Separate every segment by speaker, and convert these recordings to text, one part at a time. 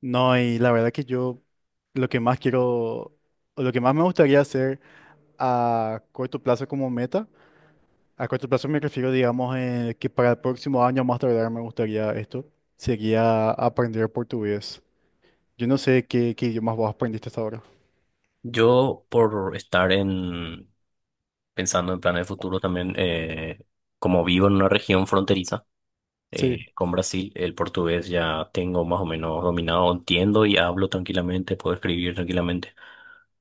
Speaker 1: No, y la verdad que yo lo que más quiero, o lo que más me gustaría hacer a corto plazo como meta, a corto plazo me refiero, digamos, que para el próximo año más tardar me gustaría esto, sería aprender portugués. Yo no sé qué idiomas vos aprendiste hasta ahora.
Speaker 2: Yo, por estar en pensando en planes de futuro también, como vivo en una región fronteriza
Speaker 1: Sí.
Speaker 2: con Brasil, el portugués ya tengo más o menos dominado, entiendo y hablo tranquilamente, puedo escribir tranquilamente,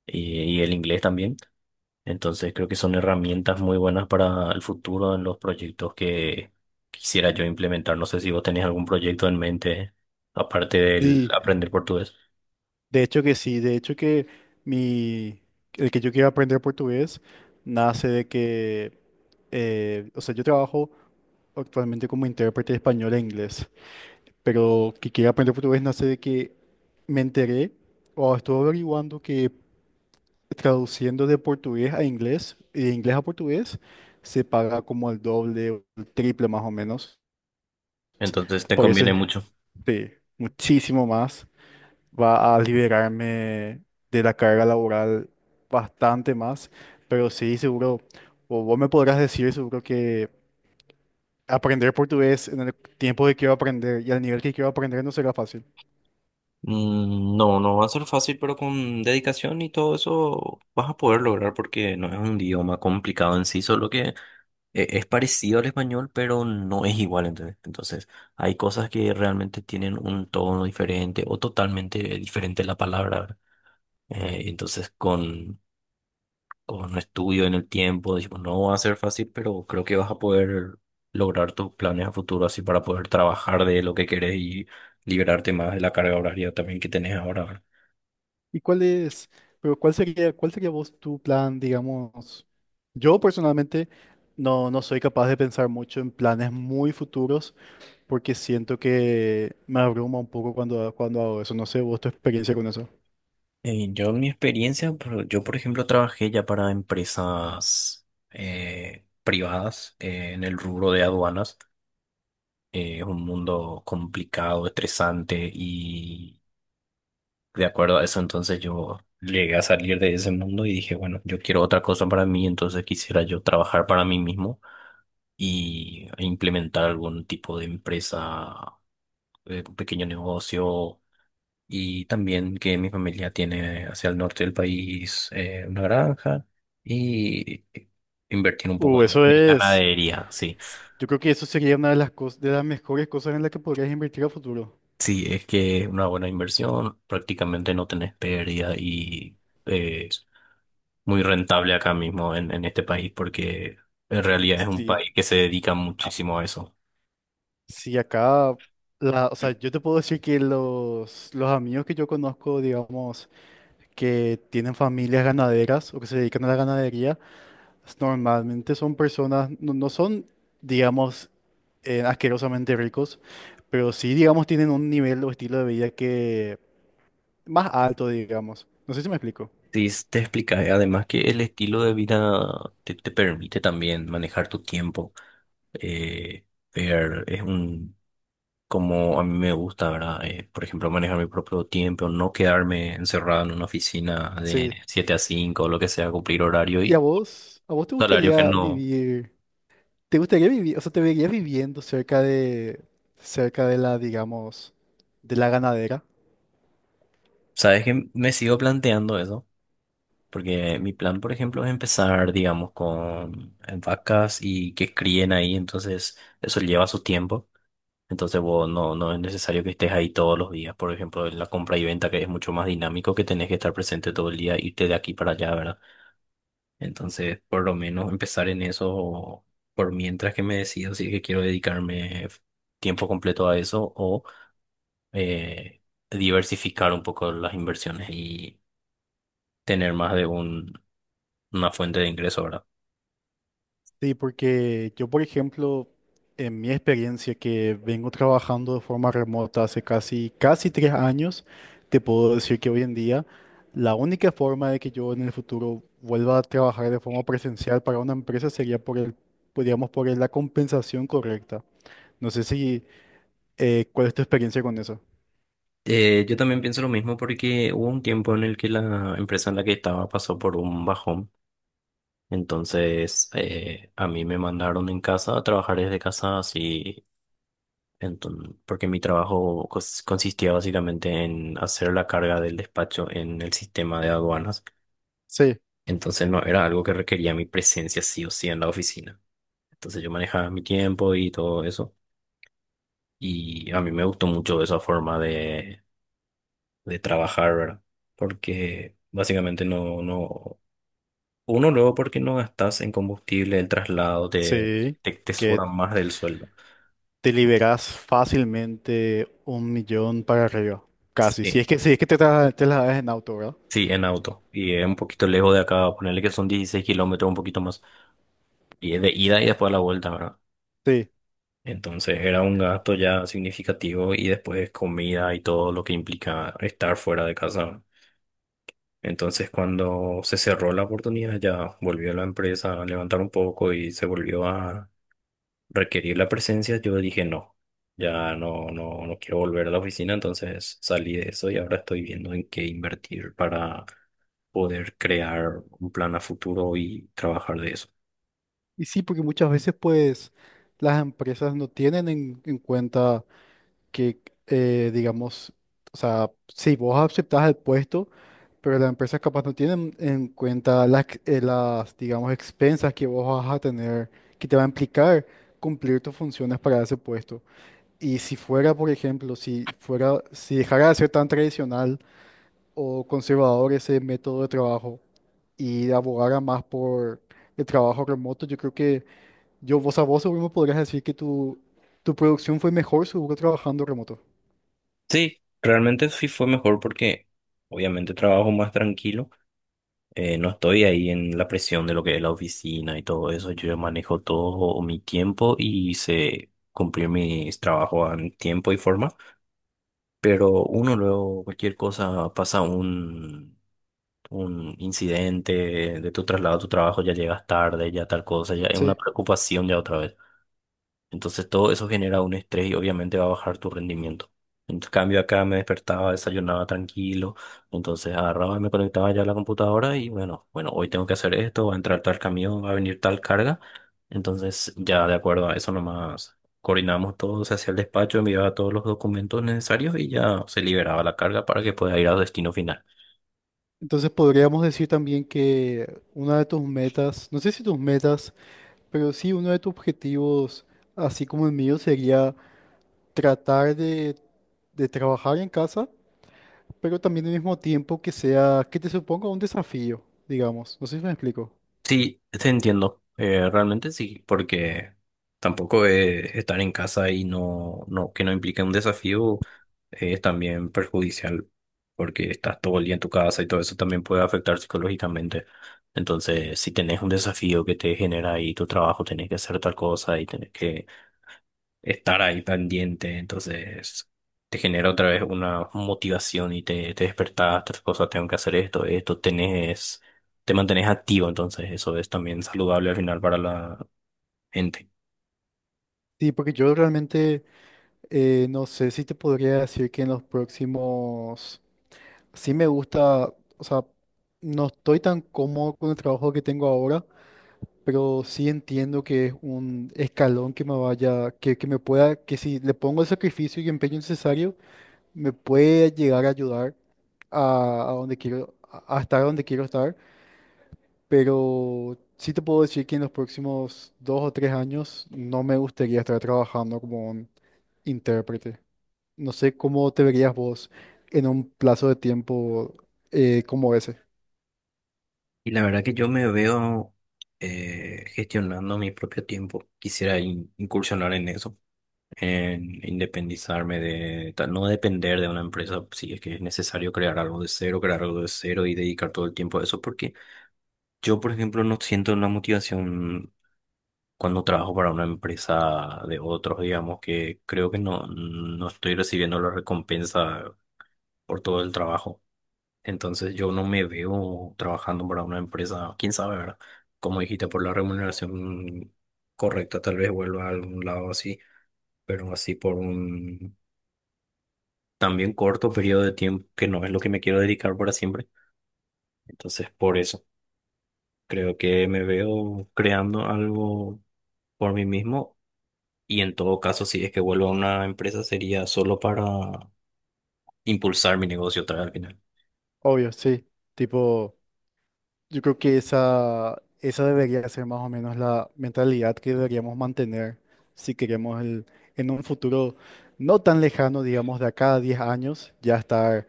Speaker 2: y el inglés también. Entonces creo que son herramientas muy buenas para el futuro en los proyectos que quisiera yo implementar. ¿No sé si vos tenés algún proyecto en mente, aparte del
Speaker 1: Sí,
Speaker 2: aprender portugués?
Speaker 1: de hecho que sí, de hecho que mi, el que yo quiero aprender portugués nace de que, o sea, yo trabajo actualmente como intérprete de español e inglés. Pero que quiera aprender portugués nace de que me enteré o estuve averiguando que traduciendo de portugués a inglés y de inglés a portugués se paga como el doble o el triple más o menos.
Speaker 2: Entonces te
Speaker 1: Por eso
Speaker 2: conviene
Speaker 1: es,
Speaker 2: mucho.
Speaker 1: sí, muchísimo más. Va a liberarme de la carga laboral bastante más, pero sí, seguro, o vos me podrás decir seguro que aprender portugués en el tiempo que quiero aprender y al nivel que quiero aprender no será fácil.
Speaker 2: Mm, no, no va a ser fácil, pero con dedicación y todo eso vas a poder lograr porque no es un idioma complicado en sí, solo que es parecido al español, pero no es igual. Entonces, hay cosas que realmente tienen un tono diferente o totalmente diferente la palabra, ¿verdad? Entonces, con estudio en el tiempo, decimos, no va a ser fácil, pero creo que vas a poder lograr tus planes a futuro así para poder trabajar de lo que querés y liberarte más de la carga horaria también que tenés ahora, ¿verdad?
Speaker 1: ¿Y cuál es, pero cuál sería vos tu plan, digamos? Yo personalmente no soy capaz de pensar mucho en planes muy futuros porque siento que me abruma un poco cuando hago eso. No sé, vos tu experiencia con eso.
Speaker 2: Yo en mi experiencia, yo por ejemplo trabajé ya para empresas privadas en el rubro de aduanas. Es un mundo complicado, estresante y de acuerdo a eso entonces yo llegué a salir de ese mundo y dije, bueno, yo quiero otra cosa para mí, entonces quisiera yo trabajar para mí mismo y implementar algún tipo de empresa, un pequeño negocio y también que mi familia tiene hacia el norte del país una granja y invertir un poco en
Speaker 1: Eso es.
Speaker 2: ganadería, sí.
Speaker 1: Yo creo que eso sería una de las cosas, de las mejores cosas en las que podrías invertir a futuro.
Speaker 2: Sí, es que una buena inversión, prácticamente no tenés pérdida y es muy rentable acá mismo en este país porque en realidad es un
Speaker 1: Sí,
Speaker 2: país que se dedica muchísimo a eso.
Speaker 1: sí, acá, la, o sea, yo te puedo decir que los amigos que yo conozco, digamos, que tienen familias ganaderas o que se dedican a la ganadería, pues, normalmente son personas, no son, digamos, asquerosamente ricos, pero sí, digamos, tienen un nivel o estilo de vida que más alto, digamos. No sé si me explico.
Speaker 2: Sí, te explica, además que el estilo de vida te permite también manejar tu tiempo. Eh, ver, es un como a mí me gusta, ¿verdad? Por ejemplo, manejar mi propio tiempo, no quedarme encerrado en una oficina de
Speaker 1: Sí.
Speaker 2: 7 a 5, o lo que sea, cumplir horario
Speaker 1: ¿Y a
Speaker 2: y
Speaker 1: vos? ¿A vos te
Speaker 2: salario que
Speaker 1: gustaría
Speaker 2: no.
Speaker 1: vivir? ¿Te gustaría vivir? O sea, ¿te verías viviendo cerca de la, digamos, de la ganadera?
Speaker 2: ¿Sabes que me sigo planteando eso, porque mi plan, por ejemplo, es empezar, digamos, con vacas y que críen ahí? Entonces eso lleva su tiempo. Entonces, vos no, no es necesario que estés ahí todos los días. Por ejemplo, en la compra y venta, que es mucho más dinámico, que tenés que estar presente todo el día, irte de aquí para allá, ¿verdad? Entonces, por lo menos empezar en eso, por mientras que me decido si es que quiero dedicarme tiempo completo a eso o eh, diversificar un poco las inversiones y tener más de una fuente de ingreso ahora.
Speaker 1: Sí, porque yo, por ejemplo, en mi experiencia que vengo trabajando de forma remota hace casi, casi 3 años, te puedo decir que hoy en día la única forma de que yo en el futuro vuelva a trabajar de forma presencial para una empresa sería por el, podríamos la compensación correcta. No sé si, ¿cuál es tu experiencia con eso?
Speaker 2: Yo también pienso lo mismo porque hubo un tiempo en el que la empresa en la que estaba pasó por un bajón. Entonces, a mí me mandaron en casa a trabajar desde casa así. Entonces, porque mi trabajo consistía básicamente en hacer la carga del despacho en el sistema de aduanas.
Speaker 1: Sí,
Speaker 2: Entonces no era algo que requería mi presencia sí o sí en la oficina. Entonces yo manejaba mi tiempo y todo eso. Y a mí me gustó mucho esa forma de trabajar, ¿verdad? Porque básicamente no, uno luego porque no gastas en combustible, el traslado te,
Speaker 1: sí,
Speaker 2: te, te
Speaker 1: que
Speaker 2: sobra más del sueldo.
Speaker 1: te liberas fácilmente un millón para arriba, casi. Si es
Speaker 2: Sí.
Speaker 1: que, si es que te la das en auto, ¿verdad?
Speaker 2: Sí, en auto. Y es un poquito lejos de acá, ponerle que son 16 km, un poquito más. Y es de ida y después a la vuelta, ¿verdad?
Speaker 1: Sí.
Speaker 2: Entonces era un gasto ya significativo y después comida y todo lo que implica estar fuera de casa. Entonces cuando se cerró la oportunidad ya volvió la empresa a levantar un poco y se volvió a requerir la presencia, yo dije no, ya no, no quiero volver a la oficina, entonces salí de eso y ahora estoy viendo en qué invertir para poder crear un plan a futuro y trabajar de eso.
Speaker 1: Y sí, porque muchas veces pues las empresas no tienen en cuenta que, digamos, o sea, si vos aceptás el puesto, pero las empresas capaz no tienen en cuenta las, digamos, expensas que vos vas a tener, que te va a implicar cumplir tus funciones para ese puesto. Y si fuera, por ejemplo, si fuera, si dejara de ser tan tradicional o conservador ese método de trabajo y abogara más por el trabajo remoto, yo creo que yo, vos a vos seguro me podrías decir que tu producción fue mejor seguro trabajando remoto.
Speaker 2: Sí, realmente sí fue mejor porque obviamente trabajo más tranquilo, no estoy ahí en la presión de lo que es la oficina y todo eso, yo ya manejo todo mi tiempo y sé cumplir mis trabajos en tiempo y forma, pero uno luego cualquier cosa pasa un incidente de tu traslado a tu trabajo, ya llegas tarde, ya tal cosa, ya es
Speaker 1: Sí.
Speaker 2: una preocupación ya otra vez. Entonces todo eso genera un estrés y obviamente va a bajar tu rendimiento. En cambio acá me despertaba, desayunaba tranquilo, entonces agarraba y me conectaba ya a la computadora y bueno, hoy tengo que hacer esto, va a entrar tal camión, va a venir tal carga. Entonces ya de acuerdo a eso nomás coordinamos todo, se hacía el despacho, enviaba todos los documentos necesarios y ya se liberaba la carga para que pueda ir al destino final.
Speaker 1: Entonces podríamos decir también que una de tus metas, no sé si tus metas, pero sí uno de tus objetivos, así como el mío, sería tratar de trabajar en casa, pero también al mismo tiempo que sea, que te suponga un desafío, digamos. No sé si me explico.
Speaker 2: Sí, te entiendo. Realmente sí, porque tampoco estar en casa y que no implique un desafío es también perjudicial, porque estás todo el día en tu casa y todo eso también puede afectar psicológicamente. Entonces, si tenés un desafío que te genera ahí tu trabajo, tenés que hacer tal cosa y tenés que estar ahí pendiente, entonces te genera otra vez una motivación y te despertás, otras cosas, tengo que hacer esto, esto, tenés, te mantenés activo, entonces eso es también saludable al final para la gente.
Speaker 1: Sí, porque yo realmente no sé si te podría decir que en los próximos. Sí, me gusta, o sea, no estoy tan cómodo con el trabajo que tengo ahora, pero sí entiendo que es un escalón que me vaya, que me pueda, que si le pongo el sacrificio y empeño necesario, me puede llegar a ayudar a donde quiero, a estar donde quiero estar, pero sí te puedo decir que en los próximos 2 o 3 años no me gustaría estar trabajando como un intérprete. No sé cómo te verías vos en un plazo de tiempo como ese.
Speaker 2: Y la verdad que yo me veo gestionando mi propio tiempo, quisiera incursionar en eso, en independizarme no depender de una empresa, si es que es necesario crear algo de cero, crear algo de cero y dedicar todo el tiempo a eso, porque... Yo, por ejemplo, no siento una motivación cuando trabajo para una empresa de otros, digamos que creo que no estoy recibiendo la recompensa por todo el trabajo. Entonces yo no me veo trabajando para una empresa, quién sabe, ¿verdad? Como dijiste, por la remuneración correcta, tal vez vuelva a algún lado así, pero así por un también corto periodo de tiempo, que no es lo que me quiero dedicar para siempre. Entonces, por eso, creo que me veo creando algo por mí mismo. Y en todo caso, si es que vuelvo a una empresa, sería solo para impulsar mi negocio otra vez al final.
Speaker 1: Obvio, sí. Tipo, yo creo que esa debería ser más o menos la mentalidad que deberíamos mantener si queremos el, en un futuro no tan lejano, digamos, de acá a 10 años, ya estar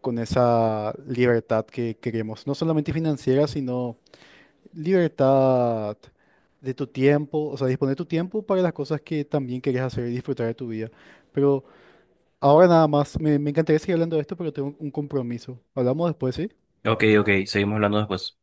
Speaker 1: con esa libertad que queremos, no solamente financiera, sino libertad de tu tiempo, o sea, disponer tu tiempo para las cosas que también quieres hacer y disfrutar de tu vida. Pero ahora nada más, me encantaría seguir hablando de esto, pero tengo un compromiso. Hablamos después, ¿sí?
Speaker 2: Ok, ok, seguimos hablando después.